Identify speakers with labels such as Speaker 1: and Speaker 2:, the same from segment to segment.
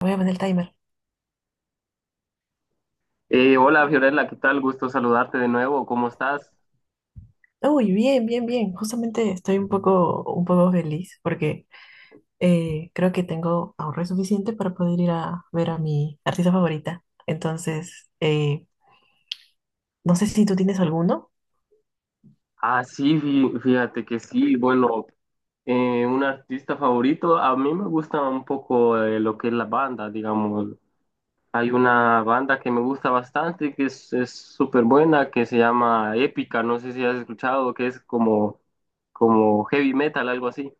Speaker 1: Voy a poner el timer.
Speaker 2: Hola Fiorella, ¿qué tal? Gusto saludarte de nuevo, ¿cómo estás?
Speaker 1: Uy, bien, bien, bien. Justamente estoy un poco feliz porque creo que tengo ahorro suficiente para poder ir a ver a mi artista favorita. Entonces, no sé si tú tienes alguno.
Speaker 2: Ah, sí, fíjate que sí, bueno, un artista favorito, a mí me gusta un poco lo que es la banda, digamos. Hay una banda que me gusta bastante, que es súper buena, que se llama Épica, no sé si has escuchado, que es como, como heavy metal, algo así.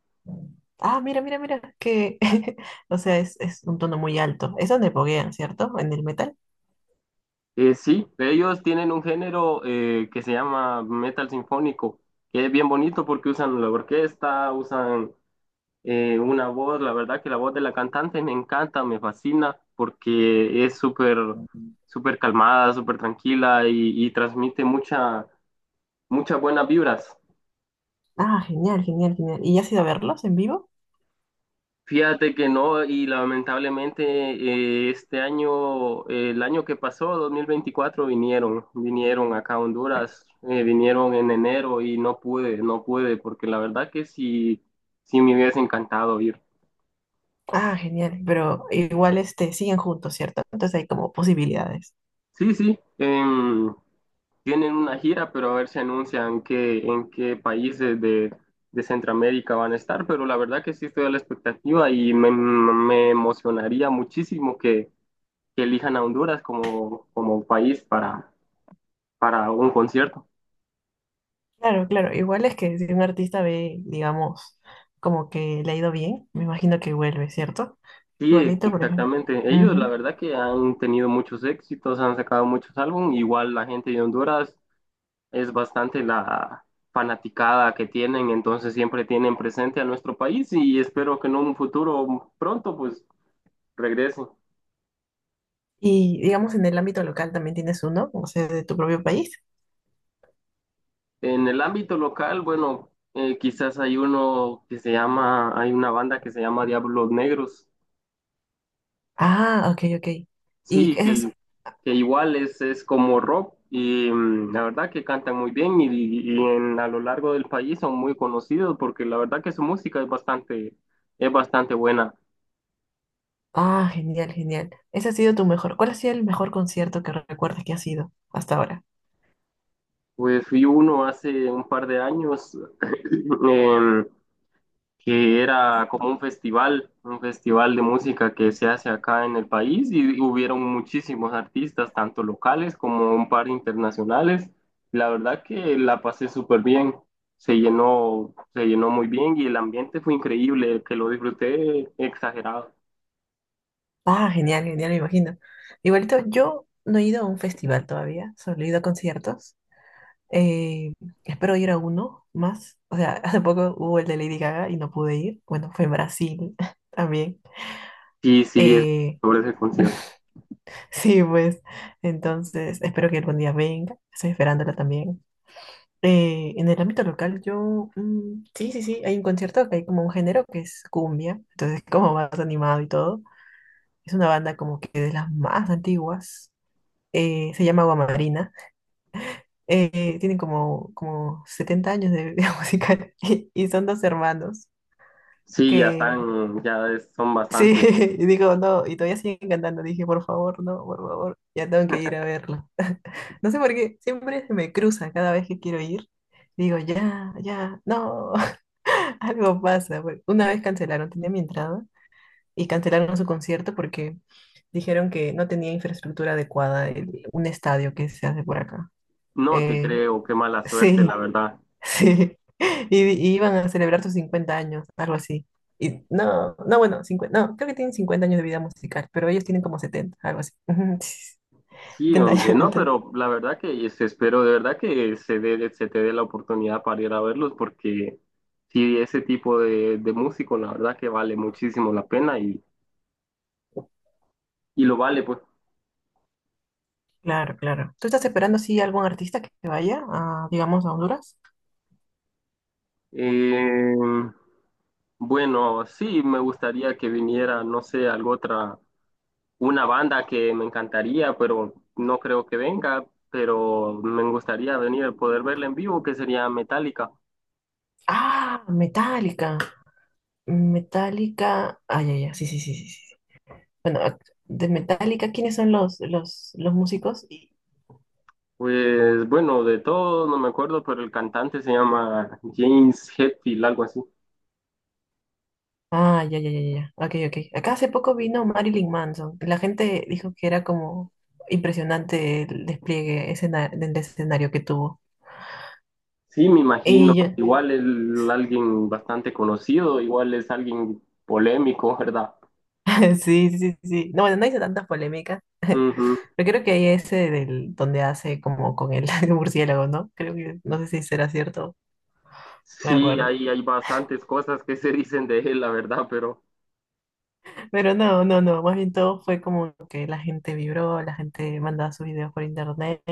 Speaker 1: Ah, mira, mira, mira, que, o sea, es un tono muy alto. Es donde poguean, ¿cierto? En el metal.
Speaker 2: Sí, ellos tienen un género que se llama metal sinfónico, que es bien bonito porque usan la orquesta, usan una voz, la verdad que la voz de la cantante me encanta, me fascina, porque es súper, súper calmada, súper tranquila y transmite mucha, muchas buenas vibras.
Speaker 1: Ah, genial, genial, genial. ¿Y ya has ido a verlos en vivo?
Speaker 2: Fíjate que no, y lamentablemente este año, el año que pasó, 2024 vinieron, acá a Honduras, vinieron en enero y no pude, no pude, porque la verdad que sí, sí me hubiese encantado ir.
Speaker 1: Ah, genial, pero igual este, siguen juntos, ¿cierto? Entonces hay como posibilidades.
Speaker 2: Sí, sí. Tienen una gira, pero a ver si anuncian qué, en qué países de Centroamérica van a estar. Pero la verdad que sí estoy a la expectativa y me emocionaría muchísimo que elijan a Honduras como, como país para un concierto.
Speaker 1: Claro, claro, igual es que si un artista ve, digamos, como que le ha ido bien, me imagino que vuelve, ¿cierto?
Speaker 2: Sí,
Speaker 1: Igualito, por ejemplo.
Speaker 2: exactamente. Ellos la
Speaker 1: Ujú.
Speaker 2: verdad que han tenido muchos éxitos, han sacado muchos álbumes. Igual la gente de Honduras es bastante la fanaticada que tienen, entonces siempre tienen presente a nuestro país y espero que en un futuro pronto pues regrese.
Speaker 1: Y digamos, en el ámbito local también tienes uno, o sea, de tu propio país.
Speaker 2: En el ámbito local, bueno, quizás hay uno que se llama, hay una banda que se llama Diablos Negros,
Speaker 1: Ah, ok, ok. Y
Speaker 2: sí,
Speaker 1: esas,
Speaker 2: que igual es como rock y la verdad que cantan muy bien y en, a lo largo del país son muy conocidos porque la verdad que su música es bastante buena.
Speaker 1: ah, genial, genial. Ese ha sido tu mejor. ¿Cuál ha sido el mejor concierto que recuerdes que ha sido hasta ahora?
Speaker 2: Pues fui uno hace un par de años. em, que era como un festival de música que se hace acá en el país y hubieron muchísimos artistas, tanto locales como un par internacionales. La verdad que la pasé súper bien, se llenó muy bien y el ambiente fue increíble, que lo disfruté exagerado.
Speaker 1: Ah, genial, genial, me imagino. Igualito, yo no he ido a un festival todavía, solo he ido a conciertos. Eh, Espero ir a uno más. O sea, hace poco hubo el de Lady Gaga y no pude ir. Bueno, fue en Brasil también.
Speaker 2: Sí, sí, es
Speaker 1: Eh,
Speaker 2: sobre ese concierto.
Speaker 1: Sí, pues, entonces espero que algún día venga, estoy esperándola también. En el ámbito local, yo, sí, sí, sí, hay un concierto que hay como un género que es cumbia, entonces como más animado y todo. Es una banda como que de las más antiguas, se llama Guamarina, tienen como, 70 años de vida musical y, son dos hermanos
Speaker 2: Sí, ya
Speaker 1: que
Speaker 2: están, son
Speaker 1: Sí,
Speaker 2: bastante.
Speaker 1: y digo, no, y todavía siguen cantando. Dije, por favor, no, por favor, ya tengo que ir a verlo. No sé por qué, siempre se me cruza cada vez que quiero ir. Digo, ya, ya, no, algo pasa, pues. Una vez cancelaron, tenía mi entrada y cancelaron su concierto porque dijeron que no tenía infraestructura adecuada, un estadio que se hace por acá.
Speaker 2: No te
Speaker 1: Eh,
Speaker 2: creo, qué mala suerte, la
Speaker 1: sí,
Speaker 2: verdad.
Speaker 1: Sí, y, iban a celebrar sus 50 años, algo así. Y no, no, bueno, 50 no, creo que tienen 50 años de vida musical, pero ellos tienen como 70 algo así. Ujú, sí,
Speaker 2: Sí,
Speaker 1: 70 años,
Speaker 2: hombre, no,
Speaker 1: entonces.
Speaker 2: pero la verdad que espero de verdad que se dé, se te dé la oportunidad para ir a verlos porque sí, ese tipo de músico la verdad que vale muchísimo la pena y lo vale, pues.
Speaker 1: Claro, claro. ¿Tú estás esperando así algún artista que vaya a, digamos, a Honduras?
Speaker 2: Eh, bueno, sí, me gustaría que viniera, no sé, algo otra, una banda que me encantaría, pero no creo que venga, pero me gustaría venir, poder verla en vivo, que sería Metallica.
Speaker 1: Ah, Metallica. Metallica. Ay, ay, ay, sí, sí, sí, sí, sí. Bueno, de Metallica, ¿quiénes son los músicos?
Speaker 2: Pues bueno, de todo no me acuerdo, pero el cantante se llama James Hetfield, algo así.
Speaker 1: Ah, ya, ya, ya, ya, ya. Ok, ok. Acá hace poco vino Marilyn Manson. La gente dijo que era como impresionante el despliegue del escenario que tuvo.
Speaker 2: Sí, me imagino.
Speaker 1: Y yo,
Speaker 2: Igual es alguien bastante conocido, igual es alguien polémico, ¿verdad?
Speaker 1: sí, sí, sí, sí. No, bueno, no hice tantas polémicas,
Speaker 2: Ujú.
Speaker 1: pero creo que hay ese del donde hace como con el murciélago, ¿no? Creo que, no sé si será cierto, no me
Speaker 2: Sí,
Speaker 1: acuerdo.
Speaker 2: hay bastantes cosas que se dicen de él, la verdad, pero
Speaker 1: Pero no, no, no, más bien todo fue como que la gente vibró, la gente mandaba sus videos por internet,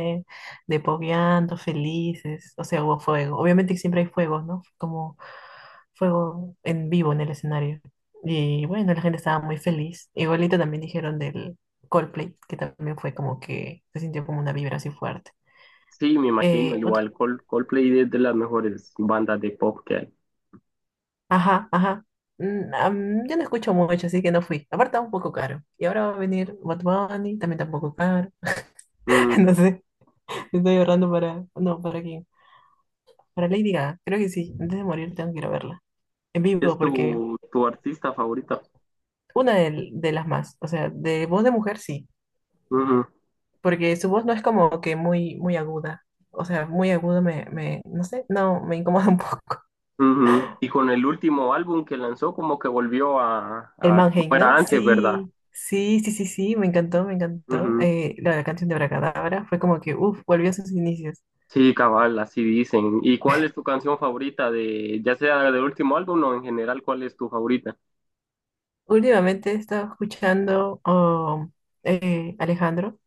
Speaker 1: de pogueando, felices, o sea, hubo fuego. Obviamente que siempre hay fuegos, ¿no? Como fuego en vivo en el escenario. Y bueno, la gente estaba muy feliz. Igualito también dijeron del Coldplay, que también fue como que se sintió como una vibra así fuerte.
Speaker 2: sí, me imagino.
Speaker 1: Otro,
Speaker 2: Igual Coldplay es de las mejores bandas de pop que hay.
Speaker 1: ajá, ajá. Yo no escucho mucho, así que no fui. Aparte, estaba un poco caro. Y ahora va a venir Bad Bunny, también está un poco caro.
Speaker 2: Mm.
Speaker 1: No sé. Estoy ahorrando para... No, ¿para quién? Para Lady Gaga. Creo que sí. Antes de morir tengo que ir a verla. En
Speaker 2: ¿Es
Speaker 1: vivo, porque...
Speaker 2: tu, tu artista favorita?
Speaker 1: Una de las más. O sea, de voz de mujer sí. Porque su voz no es como que muy, muy aguda. O sea, muy aguda No sé, no, me incomoda un poco.
Speaker 2: Ujú. Y con el último álbum que lanzó, como que volvió
Speaker 1: El
Speaker 2: a como
Speaker 1: Manhain,
Speaker 2: era
Speaker 1: ¿no?
Speaker 2: antes, ¿verdad?
Speaker 1: Sí, sí, sí, sí, sí. Me encantó, me encantó.
Speaker 2: Ujú.
Speaker 1: Canción de Abracadabra fue como que, uff, volvió a sus inicios.
Speaker 2: Sí, cabal, así dicen. ¿Y cuál es tu canción favorita de, ya sea del último álbum o en general, cuál es tu favorita?
Speaker 1: Últimamente he estado escuchando, oh, Alejandro.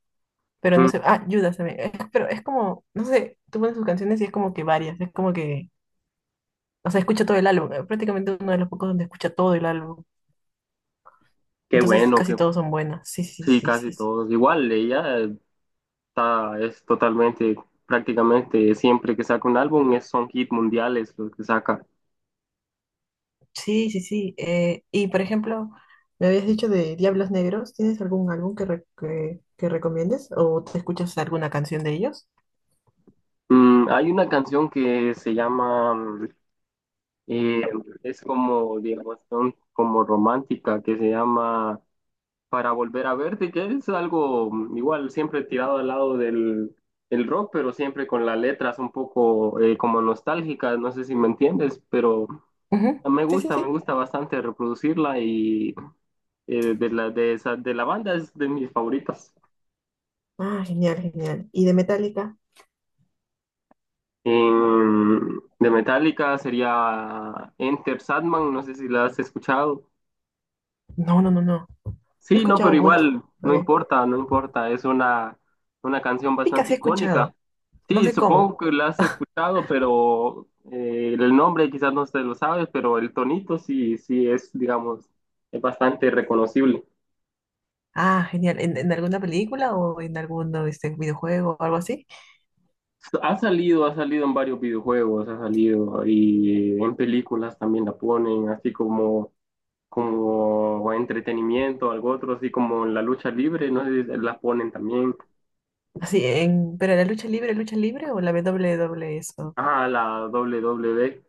Speaker 1: Pero no
Speaker 2: Mm.
Speaker 1: sé, ah, Judas también. Pero es como, no sé, tú pones sus canciones y es como que varias, es como que, o sea, escucha todo el álbum, prácticamente uno de los pocos donde escucha todo el álbum.
Speaker 2: Qué
Speaker 1: Entonces
Speaker 2: bueno,
Speaker 1: casi
Speaker 2: que
Speaker 1: todos son buenas. Sí, sí,
Speaker 2: sí,
Speaker 1: sí,
Speaker 2: casi
Speaker 1: sí, sí.
Speaker 2: todos. Igual, ella está, es totalmente, prácticamente siempre que saca un álbum es, son hit mundiales los que saca.
Speaker 1: Sí, sí, sí. Y por ejemplo, me habías dicho de Diablos Negros, ¿tienes algún álbum que recomiendes o te escuchas alguna canción de ellos?
Speaker 2: Hay una canción que se llama, eh, es como, digamos, son como romántica, que se llama para volver a verte, que es algo igual siempre tirado al lado del el rock, pero siempre con las letras un poco como nostálgicas, no sé si me entiendes, pero
Speaker 1: Ujú. Sí, sí,
Speaker 2: me
Speaker 1: sí.
Speaker 2: gusta bastante reproducirla y de la, de esa, de la banda es de mis favoritas.
Speaker 1: Ah, genial, genial. ¿Y de Metallica?
Speaker 2: De Metallica sería Enter Sandman, no sé si la has escuchado.
Speaker 1: No, no, no, no. No he
Speaker 2: Sí, no,
Speaker 1: escuchado
Speaker 2: pero
Speaker 1: mucho.
Speaker 2: igual, no
Speaker 1: Okay.
Speaker 2: importa, no importa, es una canción
Speaker 1: Épica
Speaker 2: bastante
Speaker 1: sí he
Speaker 2: icónica.
Speaker 1: escuchado. No
Speaker 2: Sí,
Speaker 1: sé cómo.
Speaker 2: supongo que la has escuchado, pero el nombre quizás no se lo sabes, pero el tonito sí, sí es, digamos, es bastante reconocible.
Speaker 1: Ah, genial. ¿En alguna película o en algún este, videojuego o algo así?
Speaker 2: Ha salido en varios videojuegos, ha salido y en películas también la ponen, así como, como entretenimiento, algo otro, así como en la lucha libre, no sé si la ponen también.
Speaker 1: Así, ¿pero la lucha libre o la WWE eso?
Speaker 2: Ah, la WWE.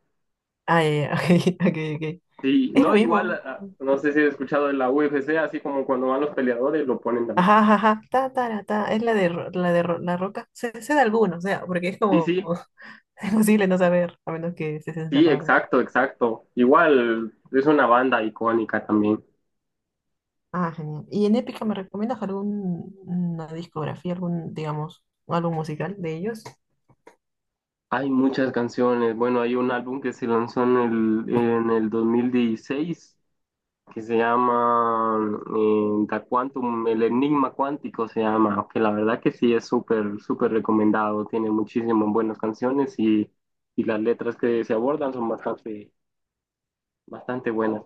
Speaker 1: Ah, ya, ya, ok, ok, ok.
Speaker 2: Sí,
Speaker 1: Es lo
Speaker 2: no, igual,
Speaker 1: mismo.
Speaker 2: ah, no sé si has escuchado de la UFC, así como cuando van los peleadores lo ponen también.
Speaker 1: Ajá, ajá, ajá. Ta, ta, ra, ta. Es la roca. Sé, sé de alguno, o sea, porque es
Speaker 2: Sí,
Speaker 1: como
Speaker 2: sí,
Speaker 1: es imposible no saber, a menos que estés
Speaker 2: sí,
Speaker 1: encerrado.
Speaker 2: exacto, exacto. Igual es una banda icónica también.
Speaker 1: Ah, genial. ¿Y en Épica me recomiendas alguna discografía, algún, digamos, álbum musical de ellos?
Speaker 2: Hay muchas canciones. Bueno, hay un álbum que se lanzó en el 2016 que se llama Da Quantum, El Enigma Cuántico se llama, que la verdad que sí es súper, súper recomendado. Tiene muchísimas buenas canciones y las letras que se abordan son bastante, bastante buenas.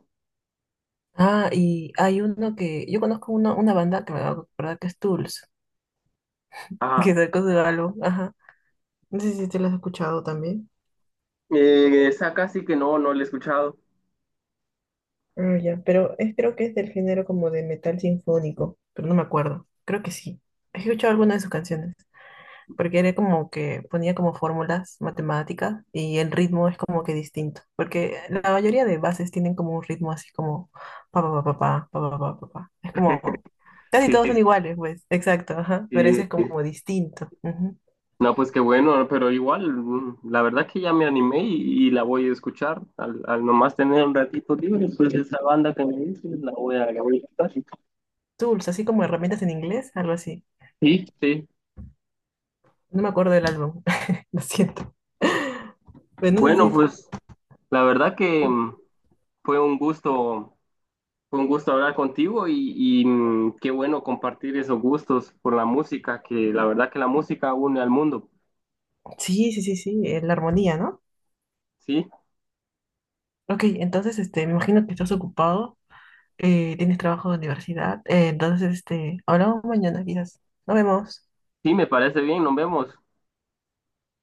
Speaker 1: Ah, y hay uno que. Yo conozco una, banda que me acabo de acordar que es Tools,
Speaker 2: Ah.
Speaker 1: que sacó su álbum. Ajá. No sé si te lo has escuchado también.
Speaker 2: Esa casi que no, no la he escuchado.
Speaker 1: Ah, ya, pero creo que es del género como de metal sinfónico, pero no me acuerdo. Creo que sí. He escuchado alguna de sus canciones, porque era como que ponía como fórmulas matemáticas y el ritmo es como que distinto, porque la mayoría de bases tienen como un ritmo así como pa pa pa pa pa pa pa pa pa, pa. Es como casi
Speaker 2: Sí,
Speaker 1: todos
Speaker 2: sí,
Speaker 1: son iguales, pues, exacto, ajá, pero
Speaker 2: sí.
Speaker 1: ese es como distinto. Ujú.
Speaker 2: No, pues qué bueno, pero igual, la verdad que ya me animé y la voy a escuchar. Al, al nomás tener un ratito libre, pues esa banda que me dices, la voy a escuchar.
Speaker 1: Tools, así como herramientas en inglés, algo así.
Speaker 2: Sí, sí.
Speaker 1: No me acuerdo del álbum, lo siento. Pues no sé
Speaker 2: Bueno,
Speaker 1: si,
Speaker 2: pues la verdad que
Speaker 1: uy,
Speaker 2: fue un gusto, fue un gusto hablar contigo y, qué bueno compartir esos gustos por la música, que la verdad que la música une al mundo.
Speaker 1: Sí, sí, sí, sí, la armonía, ¿no?
Speaker 2: Sí,
Speaker 1: Ok, entonces, este, me imagino que estás ocupado, tienes trabajo de universidad, entonces, este, hablamos mañana quizás. Nos vemos.
Speaker 2: sí, me parece bien, nos vemos.